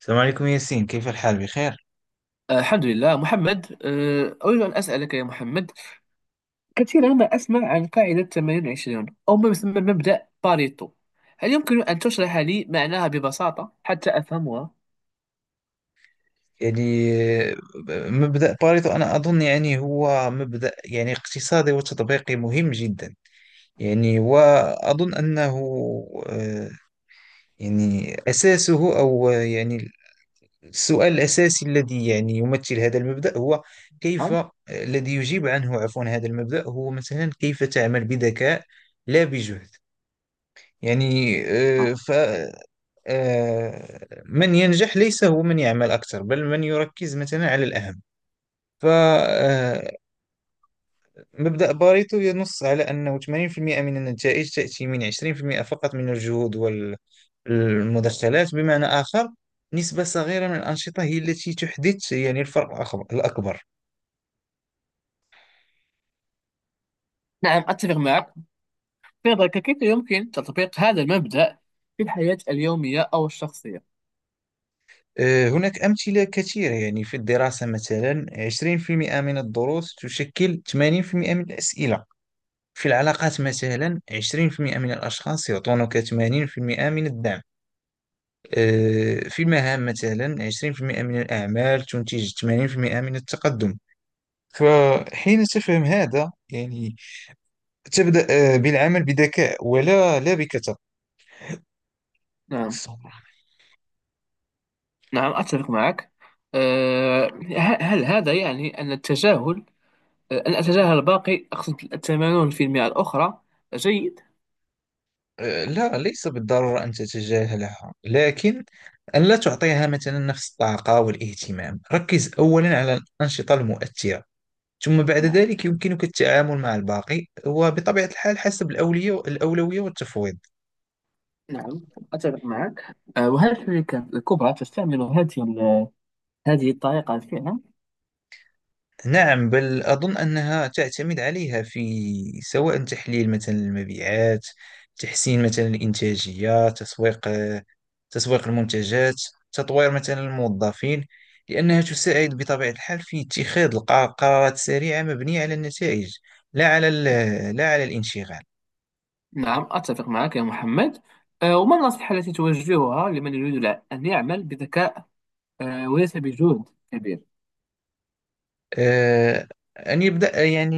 السلام عليكم ياسين، كيف الحال؟ بخير. الحمد لله محمد. أريد أن أسألك يا محمد، كثيرا ما أسمع عن قاعدة 80 20 أو ما يسمى مبدأ باريتو. هل يمكن أن تشرح لي معناها ببساطة حتى أفهمها؟ يعني مبدأ باريتو أنا أظن، يعني هو مبدأ، يعني اقتصادي وتطبيقي مهم جدا. يعني وأظن أنه آه، يعني أساسه أو يعني السؤال الأساسي الذي يعني يمثل هذا المبدأ هو كيف، نعم. الذي يجيب عنه، عفوا، هذا المبدأ هو مثلا كيف تعمل بذكاء لا بجهد. يعني من ينجح ليس هو من يعمل أكثر، بل من يركز مثلا على الأهم. فمبدأ باريتو ينص على أنه 80% من النتائج تأتي من 20% فقط من الجهود والمدخلات. بمعنى آخر، نسبة صغيرة من الأنشطة هي التي تحدث يعني الفرق الأكبر. نعم، أتفق معك. في نظرك كيف يمكن تطبيق هذا المبدأ في الحياة اليومية أو الشخصية؟ هناك أمثلة كثيرة، يعني في الدراسة مثلا 20% من الدروس تشكل 80% من الأسئلة. في العلاقات مثلا 20% من الأشخاص يعطونك 80% من الدعم. في المهام مثلا 20% من الأعمال تنتج 80% من التقدم. فحين تفهم هذا، يعني تبدأ بالعمل بذكاء، ولا لا بكثرة. نعم، نعم أتفق معك. هل هذا يعني أن التجاهل، أن أتجاهل الباقي أقصد، 80% الأخرى، جيد؟ لا، ليس بالضرورة أن تتجاهلها، لكن أن لا تعطيها مثلا نفس الطاقة والاهتمام. ركز أولا على الأنشطة المؤثرة، ثم بعد نعم. ذلك يمكنك التعامل مع الباقي، وبطبيعة الحال حسب الأولوية والتفويض. نعم أتفق معك. وهل الشركات الكبرى تستعمل هذه الطريقة فعلا؟ نعم، بل أظن أنها تعتمد عليها في، سواء تحليل مثلا المبيعات، تحسين مثلا الإنتاجية، تسويق المنتجات، تطوير مثلا الموظفين، لأنها تساعد بطبيعة الحال في اتخاذ القرارات السريعة مبنية على النتائج، لا على الانشغال. نعم أتفق معك يا محمد. وما النصيحة التي توجهها لمن يريد أن يعمل بذكاء، وليس بجهد كبير؟ آه، أن يبدأ يعني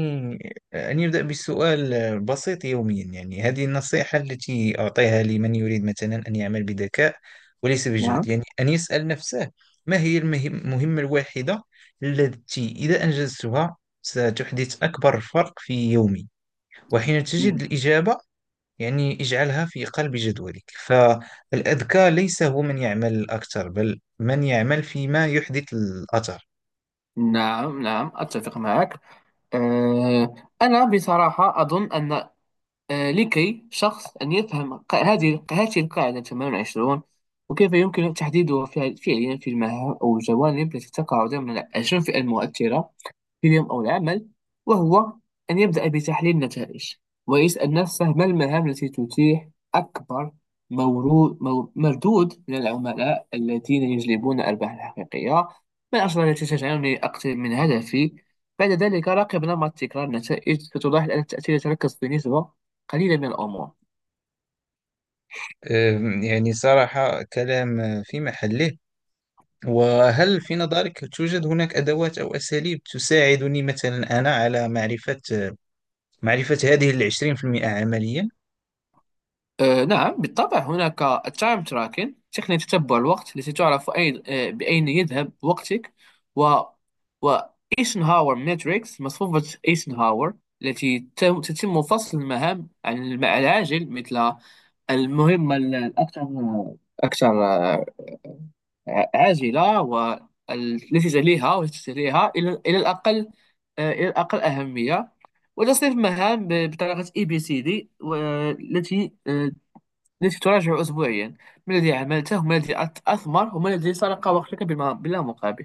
أن يبدأ بسؤال بسيط يوميا، يعني هذه النصيحة التي أعطيها لمن يريد مثلا أن يعمل بذكاء وليس بجهد، نعم. يعني أن يسأل نفسه: ما هي المهمة الواحدة التي إذا أنجزتها ستحدث أكبر فرق في يومي؟ وحين تجد مم. الإجابة، يعني اجعلها في قلب جدولك. فالأذكى ليس هو من يعمل أكثر، بل من يعمل فيما يحدث الأثر. نعم، نعم أتفق معك. آه، أنا بصراحة أظن أن، لكي شخص أن يفهم هذه القاعدة 28، وكيف يمكن تحديدها فعليا في المهام أو الجوانب التي تقع ضمن 20 فئة المؤثرة في اليوم أو العمل، وهو أن يبدأ بتحليل النتائج ويسأل نفسه ما المهام التي تتيح أكبر مردود من العملاء الذين يجلبون الأرباح الحقيقية، ما الأسرار التي تجعلني أقترب من هدفي. بعد ذلك راقب نمط تكرار النتائج، ستلاحظ أن التأثير يتركز في نسبة قليلة من الأمور. يعني صراحة كلام في محله. وهل في نظرك توجد هناك أدوات أو أساليب تساعدني مثلا أنا على معرفة هذه العشرين في المئة عمليا؟ نعم بالطبع، هناك التايم تراكن تقنية تتبع الوقت التي تعرف أين آه، بأين يذهب وقتك. و و ايسنهاور ماتريكس مصفوفة ايسنهاور التي تتم فصل المهام عن عن العاجل، مثل المهمة الأكثر أكثر آه، عاجلة، والتي تليها والتي تليها إلى الأقل أهمية. وتصنيف مهام بطريقة ABCD، والتي تراجع أسبوعيا، ما الذي عملته، وما الذي أثمر، وما الذي سرق وقتك بلا مقابل.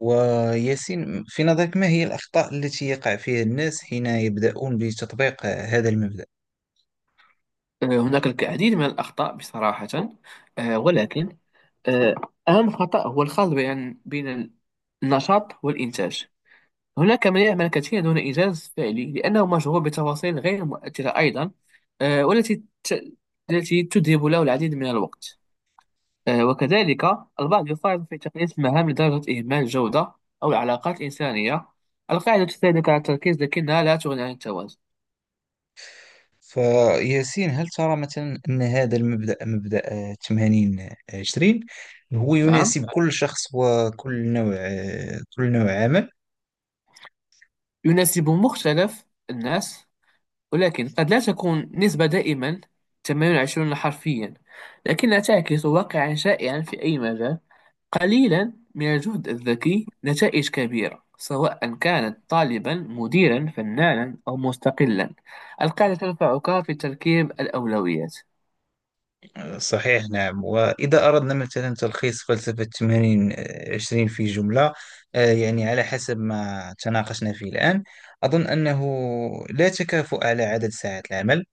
وياسين، في نظرك ما هي الأخطاء التي يقع فيها الناس حين يبدأون بتطبيق هذا المبدأ؟ هناك العديد من الأخطاء بصراحة. ولكن آه، أهم خطأ هو الخلط بين النشاط والإنتاج. هناك من يعمل كثيرا دون إنجاز فعلي لأنه مشغول بتفاصيل غير مؤثرة أيضا، والتي التي تذهب له العديد من الوقت. وكذلك البعض يقارن في تقليص المهام لدرجة إهمال الجودة أو العلاقات الإنسانية. القاعدة تساعدك على التركيز لكنها لا تغني عن التوازن. فياسين، هل ترى مثلا أن هذا المبدأ، مبدأ 80 20، هو نعم، يناسب كل شخص وكل نوع كل نوع عمل؟ يناسب مختلف الناس، ولكن قد لا تكون نسبة دائما 80 20 حرفيا، لكنها تعكس واقعا شائعا في أي مجال. قليلا من الجهد الذكي، نتائج كبيرة، سواء كانت طالبا، مديرا، فنانا أو مستقلا. القاعدة تنفعك في تركيب الأولويات. صحيح. نعم. وإذا أردنا مثلا تلخيص فلسفة 80 20 في جملة، يعني على حسب ما تناقشنا فيه الآن، أظن أنه لا تكافؤ على عدد ساعات العمل،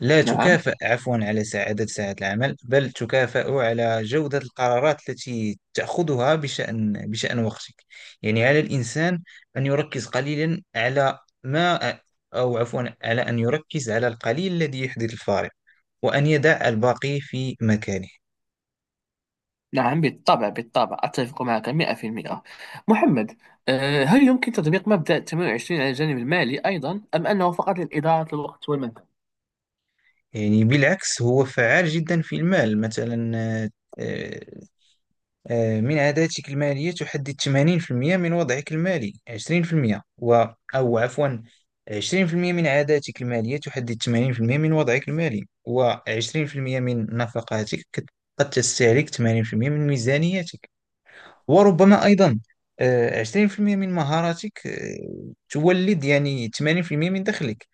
لا نعم، تكافأ، عفوا، على عدد ساعات العمل، بل تكافأ على جودة القرارات التي تأخذها بشأن وقتك. يعني على الإنسان أن يركز قليلا على ما، أو عفوا، على أن يركز على القليل الذي يحدث الفارق، وأن يدع الباقي في مكانه. نعم، بالطبع بالطبع أتفق معك 100%. محمد، هل يمكن تطبيق مبدأ 28 على الجانب المالي أيضا، أم أنه فقط للإدارة الوقت والمال؟ يعني بالعكس، هو فعال جدا في المال مثلا. آه، آه، من عاداتك المالية تحدد 80% من وضعك المالي، 20% و، أو عفوا، 20% من عاداتك المالية تحدد 80% من وضعك المالي، و20% من نفقاتك قد تستهلك 80% من ميزانيتك. وربما أيضا 20% من مهاراتك تولد يعني 80% من دخلك.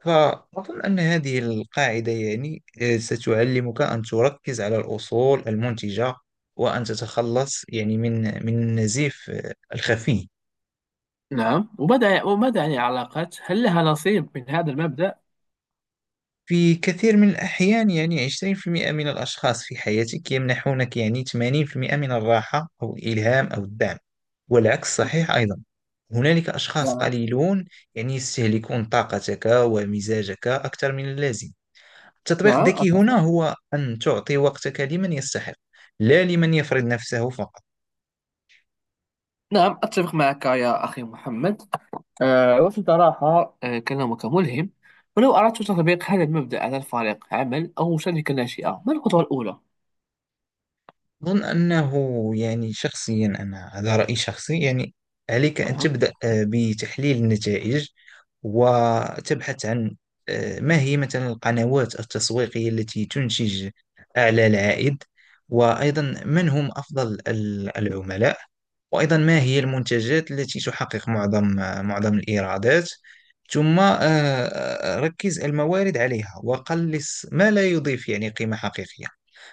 فأظن أن هذه القاعدة، يعني ستعلمك أن تركز على الأصول المنتجة، وأن تتخلص يعني من النزيف، الخفي. نعم. وماذا عن العلاقات؟ هل لها نصيب من هذا المبدأ؟ في كثير من الأحيان، يعني 20% من الأشخاص في حياتك يمنحونك يعني 80% من الراحة أو الإلهام أو الدعم. والعكس صحيح أيضا، هنالك أشخاص نعم، قليلون يعني يستهلكون طاقتك ومزاجك أكثر من اللازم. التطبيق نعم الذكي هنا أتفق. هو أن تعطي وقتك لمن يستحق، لا لمن يفرض نفسه فقط. نعم أتفق معك يا أخي محمد. وفي صراحة كلامك ملهم. ولو أردت تطبيق هذا المبدأ على الفريق عمل أو شركة ناشئة، ما الخطوة الأولى؟ أظن أنه، يعني شخصيا أنا، هذا رأيي شخصي، يعني عليك أن نعم، تبدأ بتحليل النتائج، وتبحث عن ما هي مثلا القنوات التسويقية التي تنتج أعلى العائد، وأيضا من هم أفضل العملاء، وأيضا ما هي المنتجات التي تحقق معظم، معظم الإيرادات. ثم ركز الموارد عليها وقلص ما لا يضيف يعني قيمة حقيقية.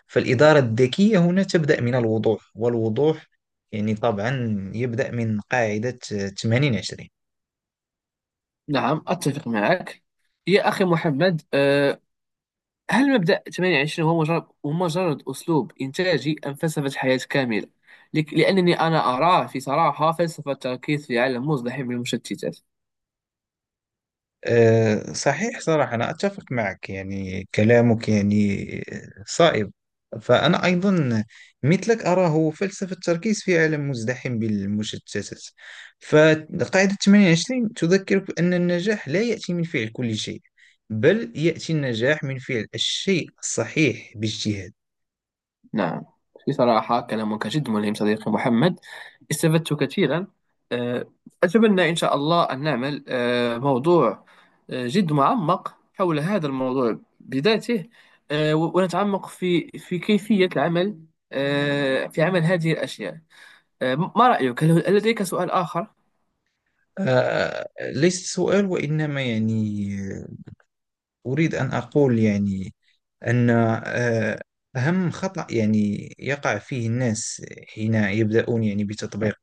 فالإدارة الذكية هنا تبدأ من الوضوح، والوضوح يعني طبعا يبدأ من قاعدة 80 20. نعم أتفق معك يا أخي محمد. هل مبدأ 28 هو مجرد أسلوب إنتاجي أم فلسفة حياة كاملة؟ لأنني أنا أراه في صراحة فلسفة تركيز في عالم مزدحم بالمشتتات. صحيح، صراحة أنا أتفق معك، يعني كلامك يعني صائب. فأنا أيضا مثلك أراه فلسفة التركيز في عالم مزدحم بالمشتتات. فقاعدة 28 تذكرك بأن النجاح لا يأتي من فعل كل شيء، بل يأتي النجاح من فعل الشيء الصحيح باجتهاد. نعم، في صراحة كلامك جد ملهم صديقي محمد، استفدت كثيرا. أه، أتمنى إن شاء الله أن نعمل، موضوع جد معمق حول هذا الموضوع بذاته، ونتعمق في كيفية العمل، في عمل هذه الأشياء. ما رأيك؟ هل لديك سؤال آخر؟ ليس سؤال، وإنما يعني أريد أن أقول، يعني أن أهم خطأ يعني يقع فيه الناس حين يبدأون يعني بتطبيق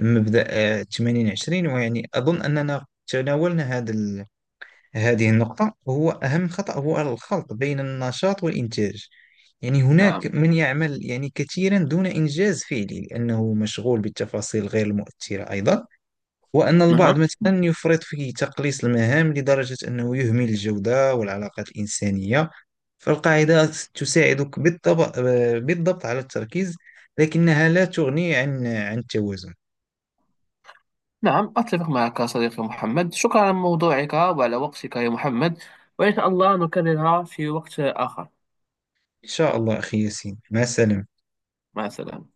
مبدأ 80 20، ويعني أظن أننا تناولنا هذه النقطة. هو أهم خطأ هو الخلط بين النشاط والإنتاج. يعني هناك نعم، من يعمل يعني كثيرا دون إنجاز فعلي، لأنه مشغول بالتفاصيل غير المؤثرة أيضا. وأن البعض نعم، مثلا يفرط في تقليص المهام لدرجة أنه يهمل الجودة والعلاقات الإنسانية. فالقاعدة تساعدك بالضبط على التركيز، لكنها لا تغني عن التوازن. نعم أتفق معك صديقي محمد، شكرا على موضوعك وعلى وقتك يا محمد، وإن شاء الله نكررها في وقت آخر. إن شاء الله أخي ياسين، مع السلامة. مع السلامة.